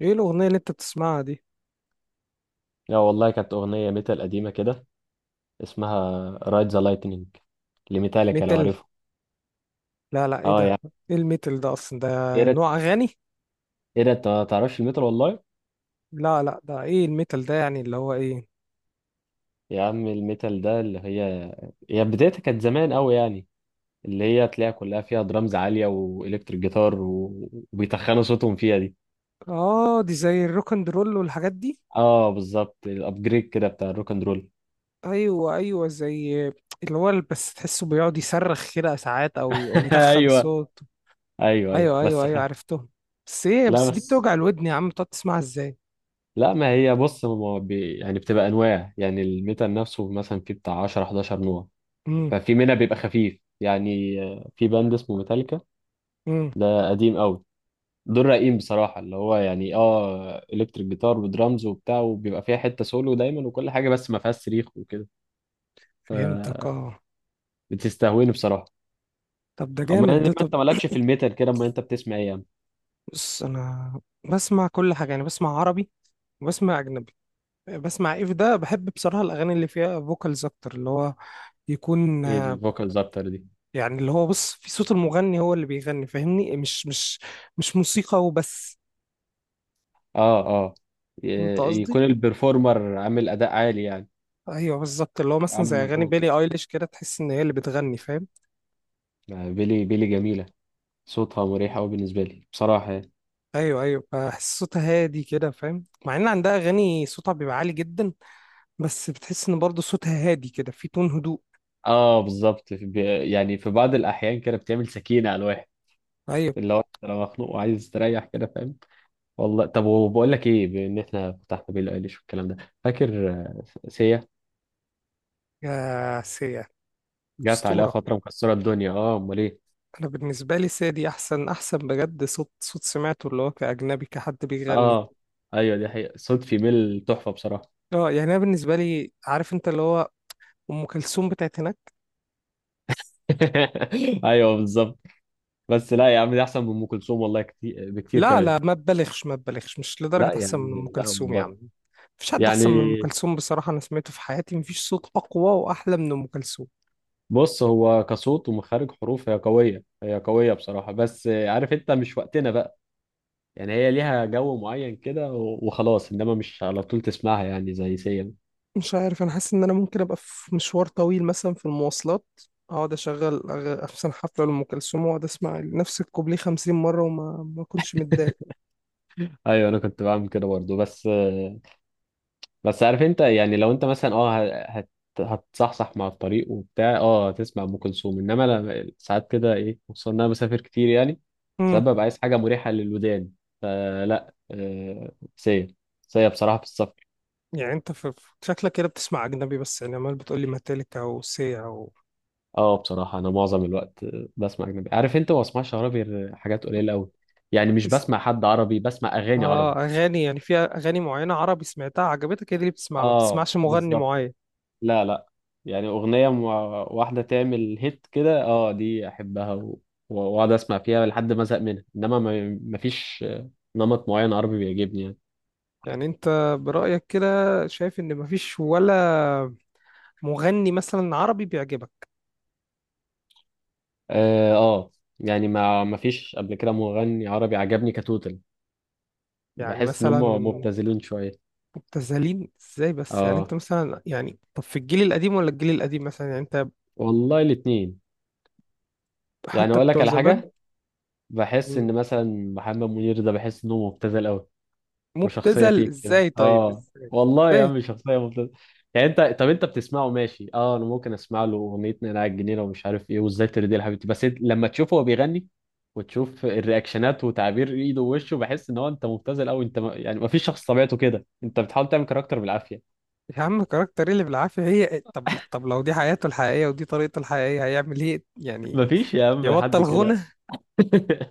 ايه الاغنيه اللي انت بتسمعها دي؟ لا والله كانت أغنية ميتال قديمة كده. اسمها رايد ذا لايتنينج لميتاليكا، لو ميتال؟ عارفها. لا لا، ايه اه يا ده؟ عم. ايه الميتال ده اصلا ده؟ ايه ده؟ نوع اغاني؟ ايه ده؟ انت ما تعرفش الميتال والله. لا لا، ده ايه الميتال ده يعني اللي هو ايه؟ يا عم الميتال ده، اللي هي بدايتها كانت زمان قوي يعني. اللي هي تلاقيها كلها فيها درامز عالية وإلكتريك جيتار وبيتخنوا صوتهم فيها دي. اه، دي زي الروك اند رول والحاجات دي. اه بالظبط، الابجريد كده بتاع الروك اند رول. ايوه ايوه، زي اللي هو بس تحسه بيقعد يصرخ كده ساعات او يتخن ايوه صوت. ايوه ايوه، ايوه ايوه بس ايوه، عرفتهم. بس ايه، لا بس دي بس. بتوجع الودن يا عم، بتقعد تسمعها ازاي؟ لا، ما هي بص، ما بي... يعني بتبقى انواع. يعني الميتال نفسه مثلا فيه بتاع 10 11 نوع. امم. ففي منها بيبقى خفيف يعني. في باند اسمه ميتاليكا، امم. ده قديم قوي. دول رايقين بصراحه، اللي هو يعني اه الكتريك جيتار ودرامز وبتاع، وبيبقى فيها حته سولو دايما وكل حاجه، بس ما فيهاش صريخ وكده. فهمتك اه. فبتستهويني بصراحه. طب ده اما جامد يعني ما ده، طب. انت مالكش في الميتال كده، اما انت بتسمع ايه يا عم؟ بص انا بسمع كل حاجه، يعني بسمع عربي وبسمع اجنبي. بسمع ايف ده، بحب بصراحة الأغاني اللي فيها فوكالز أكتر، اللي هو يكون ايه آه، الفوكالز اكتر دي؟ يعني اللي هو بص في صوت المغني هو اللي بيغني، فاهمني؟ مش موسيقى وبس. اه اه، فهمت قصدي؟ يكون البرفورمر عامل اداء عالي يعني. أيوه بالظبط، اللي هو مثلا عامل زي أغاني مجهود. بيلي أيليش كده، تحس إن هي اللي بتغني، فاهم؟ آه، بيلي، بيلي جميله، صوتها مريح قوي بالنسبه لي بصراحه يعني. أيوه أيوه، بحس صوتها هادي كده، فاهم؟ مع إن عندها أغاني صوتها بيبقى عالي جدا، بس بتحس إن برضه صوتها هادي كده، في تون هدوء. اه بالظبط، يعني في بعض الاحيان كده بتعمل سكينه على الواحد. أيوه. اللي هو انت لو مخنوق وعايز تريح كده، فاهم. والله طب، وبقول لك ايه بان احنا فتحنا بيلي ايليش والكلام ده، فاكر. سيا، يا سيا. جت عليها أسطورة. فتره مكسره الدنيا. اه، امال ايه. انا بالنسبه لي سادي احسن احسن بجد، صوت صوت سمعته اللي هو كاجنبي، كحد بيغني. اه ايوه، دي حقيقه، صوت فيميل تحفه بصراحه. اه. يعني انا بالنسبه لي، عارف انت، اللي هو ام كلثوم بتاعت هناك. ايوه بالظبط. بس لا يا عم، دي احسن من ام كلثوم والله، كتير بكتير لا لا، كمان. ما تبالغش ما تبالغش، مش لدرجه لا يا احسن عم، من ام لا كلثوم يا والله. عم. مفيش حد يعني احسن من ام كلثوم بصراحه، انا سمعته في حياتي مفيش صوت اقوى واحلى من ام كلثوم. بص، هو كصوت ومخارج حروف هي قوية، هي قوية بصراحة، بس عارف انت، مش وقتنا بقى. يعني هي ليها جو معين كده وخلاص، انما مش على طول تسمعها يعني، زي سيم. مش عارف، انا حاسس ان انا ممكن ابقى في مشوار طويل مثلا في المواصلات، اقعد اشغل احسن حفله لام كلثوم واقعد اسمع نفس الكوبليه 50 مره، وما ما اكونش متضايق. ايوه انا كنت بعمل كده برضه، بس بس عارف انت، يعني لو انت مثلا اه ه- هت هتصحصح مع الطريق وبتاع، اه هتسمع ام كلثوم، انما ساعات كده ايه، خصوصا ان انا مسافر كتير يعني. ساعات ببقى عايز حاجة مريحة للودان. فلا، سيم، سيم بصراحة في السفر. يعني انت شكلك كده بتسمع اجنبي بس، يعني عمال بتقولي ماتيليكا وسيا و... اه بصراحة أنا معظم الوقت بسمع أجنبي. عارف أنت، ما بسمعش عربي غير حاجات قليلة أوي. يعني مش بسمع حد عربي، بسمع أغاني عربي. اه اغاني، يعني في اغاني معينه عربي سمعتها عجبتك، هي دي اللي بتسمعها، ما اه بتسمعش مغني بالظبط. معين. لا لا، يعني أغنية واحدة تعمل هيت كده، اه دي أحبها وأقعد أسمع فيها لحد ما أزهق منها، إنما ما فيش نمط معين عربي بيعجبني يعني. يعني انت برايك كده شايف ان مفيش ولا مغني مثلا عربي بيعجبك؟ اه آه، يعني ما فيش قبل كده مغني عربي عجبني كتوتال. يعني بحس إن هم مثلا مبتذلين شوية. مبتذلين ازاي بس؟ يعني اه انت مثلا، يعني طب في الجيل القديم ولا الجيل القديم، مثلا يعني انت والله الاتنين. يعني حتى أقول لك بتوع على زمان. حاجة، بحس مم. ان مثلا محمد منير ده، بحس انه مبتذل قوي. وشخصيه مبتذل فيك كده، ازاي؟ طيب اه ازاي؟ والله يا ازاي؟ عم، شخصيه مبتذله. يعني انت، طب انت بتسمعه ماشي، اه انا ممكن اسمع له اغنيه، انا على الجنينه ومش عارف ايه وازاي ترضي يا حبيبتي، بس انت لما تشوفه هو بيغني وتشوف الرياكشنات وتعبير ايده ووشه، بحس ان هو، انت مبتذل قوي. انت ما... يعني ما فيش شخص طبيعته كده، انت بتحاول تعمل كاركتر بالعافيه. يا عم كاركتر ايه اللي بالعافية؟ هي إيه؟ طب، لو دي حياته الحقيقية ودي طريقته الحقيقية هيعمل ايه ما يعني؟ فيش يا عم يبطل حد غنى؟ كده.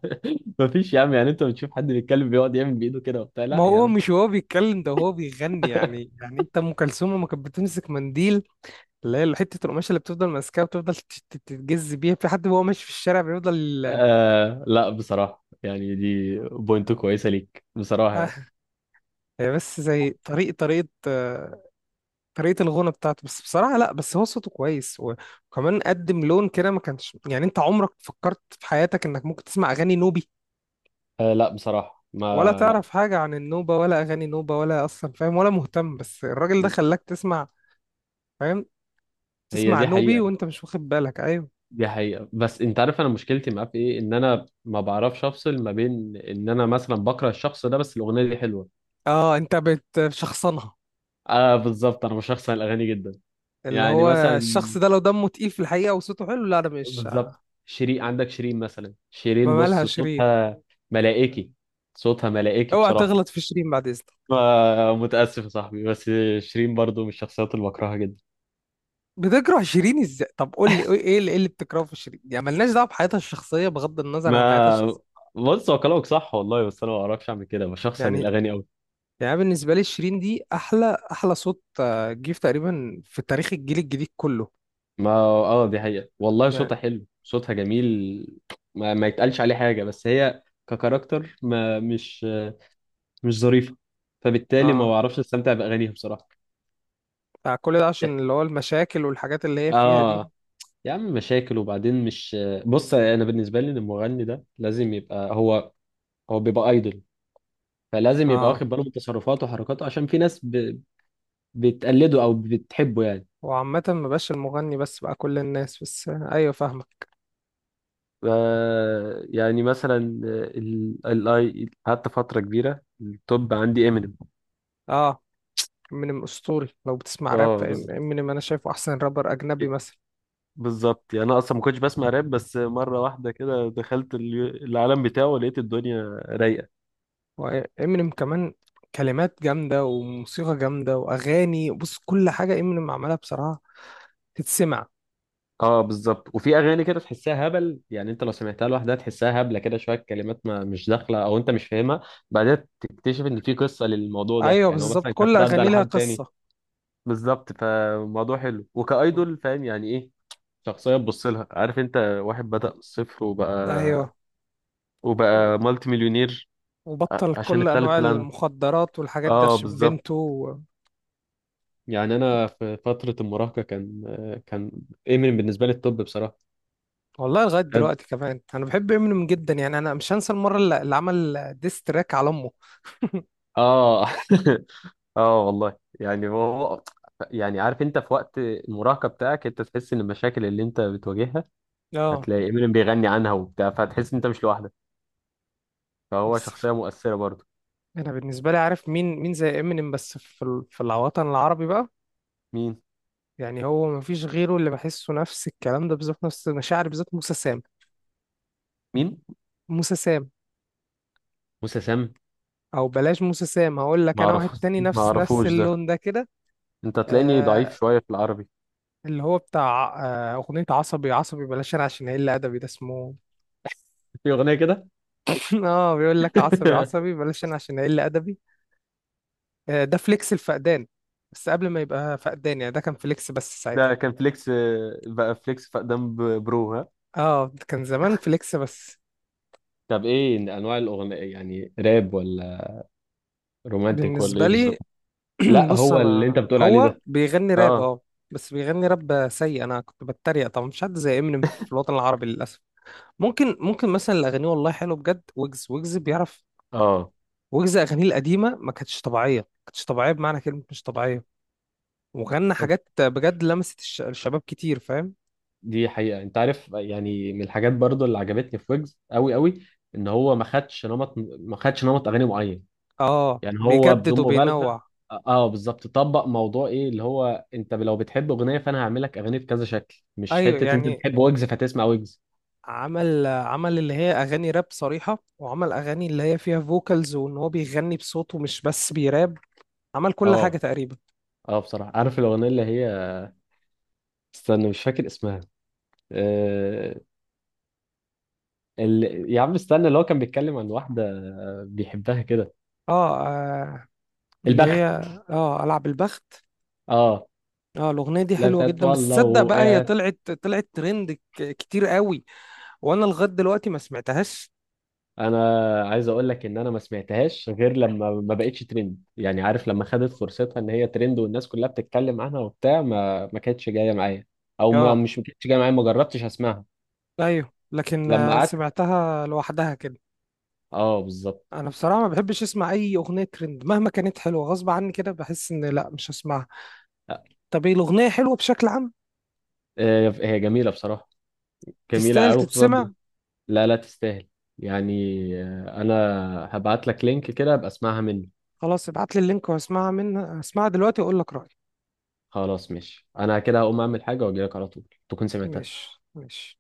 ما فيش يا عم. يعني انت بتشوف حد بيتكلم بيقعد يعمل بايده كده وبتاع؟ ما لا يا هو عم. مش هو بيتكلم، ده هو بيغني. يعني انت ام كلثوم لما كانت بتمسك منديل، اللي هي حتة القماشة اللي بتفضل ماسكاها وتفضل تتجز بيها في حد، وهو ماشي في الشارع بيفضل. آه لا بصراحة، يعني دي بوينت كويسة ليك بصراحة يعني. اه، هي بس زي طريق طريقة آه، طريقة الغنى بتاعته. بس بصراحة لا، بس هو صوته كويس وكمان قدم لون كده ما كانش، يعني انت عمرك فكرت في حياتك انك ممكن تسمع اغاني نوبي آه لا بصراحة، ولا ما لا. تعرف حاجة عن النوبة ولا أغاني نوبة ولا أصلا فاهم ولا مهتم، بس الراجل ده م- خلاك تسمع، فاهم؟ هي تسمع دي نوبي حقيقة. وأنت مش واخد بالك. أيوه. دي حقيقة، بس انت عارف انا مشكلتي معاه في ايه، ان انا ما بعرفش افصل ما بين ان انا مثلا بكره الشخص ده، بس الاغنية دي حلوة. أه أنت بتشخصنها. اه بالظبط، انا بشخصن الاغاني جدا. اللي يعني هو مثلا، الشخص ده لو دمه تقيل في الحقيقة وصوته حلو، لا أنا مش. بالظبط. شيرين، عندك شيرين مثلا، ما شيرين مالها بص، شيرين؟ صوتها ملائكي، صوتها ملائكي أوعى بصراحة. تغلط في شيرين بعد إذنك. آه، متأسف يا صاحبي، بس شيرين برضو من الشخصيات اللي بكرهها جدا. بتكره شيرين إزاي؟ طب قول لي إيه اللي، إيه اللي بتكرهه في شيرين يعني؟ ملناش دعوة بحياتها الشخصية، بغض النظر عن حياتها الشخصية. ما بص، هو كلامك صح والله، بس انا ما بعرفش اعمل كده، بشخصن يعني الاغاني قوي. يعني أنا بالنسبة لي شيرين دي أحلى أحلى صوت آه، جه في تقريبا في تاريخ الجيل الجديد كله. ما اه، دي حقيقة والله، يعني صوتها حلو، صوتها جميل. ما يتقالش عليه حاجة، بس هي ككاركتر ما مش ظريفة. اه فبالتالي ما آه. بعرفش استمتع باغانيها بصراحة. بتاع كل ده عشان اللي هو المشاكل والحاجات اللي هي فيها دي. اه يا عم، مشاكل وبعدين مش. بص، انا بالنسبه لي إن المغني ده لازم يبقى هو بيبقى ايدل. فلازم يبقى اه. واخد باله من تصرفاته وحركاته، عشان في ناس بتقلده او بتحبه يعني. وعامة ما بقاش المغني بس، بقى كل الناس بس آه، ايوه فاهمك. يعني مثلا، الاي قعدت فترة كبيرة التوب عندي امينيم. اه. امينيم اسطوري لو بتسمع راب. اه امينيم انا شايفه احسن رابر اجنبي مثلا. بالظبط، يعني انا اصلا ما كنتش بسمع راب، بس مرة واحدة كده دخلت العالم بتاعه، ولقيت الدنيا رايقة. وامينيم كمان، كلمات جامدة وموسيقى جامدة واغاني، بص كل حاجة امينيم عملها بصراحة تتسمع. اه بالظبط، وفي اغاني كده تحسها هبل. يعني انت لو سمعتها لوحدها تحسها هبلة كده، شوية كلمات ما مش داخلة او انت مش فاهمها، بعدين تكتشف ان في قصة للموضوع ده. ايوه يعني هو مثلا بالظبط، كانت كل راده اغاني لها لحد تاني. قصة. بالظبط، فموضوع حلو وكايدول. فاهم يعني ايه، شخصيه تبص لها، عارف انت، واحد بدأ من الصفر وبقى ايوه و- وبقى مالتي مليونير. وبطل عشان كل التالنت انواع اللي عنده. المخدرات والحاجات دي اه عشان بالظبط. بنته. يعني انا في فتره المراهقه كان امينيم بالنسبه لي التوب بصراحه. والله لغايه كان- دلوقتي كمان انا بحب امينيم جدا، يعني انا مش هنسى المره اللي عمل ديستراك على امه. اه اه والله. يعني هو، يعني عارف انت في وقت المراهقه بتاعك، انت تحس ان المشاكل اللي انت بتواجهها اه. هتلاقي امينيم بيغني عنها وبتاع، فهتحس ان انت مش لوحدك. فهو بس شخصيه مؤثره برضه. انا بالنسبه لي، عارف مين زي امينيم بس في في الوطن العربي بقى؟ مين يعني هو مفيش غيره اللي بحسه نفس الكلام ده بالظبط، نفس مشاعري بالظبط، موسى سام. مين موسى سام. موسى سام. او بلاش موسى سام، هقول لك ما انا واحد اعرفوش، تاني ما نفس اعرفوش ده. اللون ده كده. انت هتلاقيني ضعيف آه، شويه في العربي. اللي هو بتاع. آه، اغنيه عصبي عصبي بلاش انا عشان اقل ادبي، ده اسمه. في اغنيه كده؟ اه، بيقول لك عصبي عصبي بلاش انا عشان اقل ادبي. آه، ده فليكس الفقدان، بس قبل ما يبقى فقدان يعني، ده كان فليكس بس ساعتها. ده كان فليكس، بقى فليكس فقدام، برو ها. اه، كان زمان فليكس بس. طب ايه انواع الاغنيه، يعني راب ولا رومانتيك، ولا ايه، بالنسبة ايه بالظبط؟ لي لا بص هو اللي انت انا، بتقول عليه هو ده. بيغني راب اه اه. بس بيغني راب سيء، انا كنت بتريق طبعا، مش حد زي امينيم في الوطن العربي للاسف. ممكن مثلا اللي اغانيه والله حلو بجد، ويجز. ويجز بيعرف. اه. ويجز اغانيه القديمة ما كانتش طبيعية، ما كانتش طبيعية بمعنى كلمة مش طبيعية، وغنى أنت- حاجات بجد لمست الشباب كتير، فاهم؟ دي حقيقة، انت عارف، يعني من الحاجات برضو اللي عجبتني في ويجز قوي قوي، ان هو ما خدش نمط، ما خدش نمط اغاني معين. اه يعني هو بدون بيجدد مبالغه. وبينوع. اه بالظبط، طبق موضوع ايه اللي هو انت لو بتحب اغنيه، فانا هعمل لك اغاني بكذا شكل، مش ايوه حته انت يعني، بتحب ويجز فهتسمع ويجز. عمل عمل اللي هي اغاني راب صريحه، وعمل اغاني اللي هي فيها فوكالز، وان هو بيغني بصوته مش بس بيراب. عمل كل حاجه اه تقريبا. اه بصراحه، عارف الاغنيه اللي هي، استنى مش فاكر اسمها. آه... ال... يا عم استنى، اللي هو كان بيتكلم عن واحده بيحبها كده. اه، آه. اللي هي البخت. اه العب البخت. اه. اه، الاغنيه دي لا حلوه بتاعت جدا، بس تصدق والله. بقى هي طلعت ترند كتير قوي، وانا لغايه دلوقتي ما سمعتهاش. انا عايز اقول لك ان انا ما سمعتهاش غير لما ما بقتش ترند، يعني عارف لما خدت فرصتها ان هي ترند والناس كلها بتتكلم عنها وبتاع، ما كانتش جايه معايا. او اه ما كانتش جايه معايا، ما جربتش اسمعها. ايوه، لكن لما آه، قعدت، سمعتها لوحدها كده. اه بالظبط. انا بصراحه ما بحبش اسمع اي اغنيه ترند مهما كانت حلوه، غصب عني كده بحس ان لا مش هسمعها. طب ايه، الاغنيه حلوه بشكل عام؟ هي جميله بصراحه. جميله تستاهل قوي، خصوصا. تتسمع؟ لا لا، تستاهل. يعني انا هبعت لك لينك كده، ابقى اسمعها مني. خلاص ابعت لي اللينك واسمعها منها، اسمعها دلوقتي واقول لك رأيي. خلاص ماشي، انا كده هقوم اعمل حاجه واجي لك على طول، تكون سمعتها. ماشي ماشي.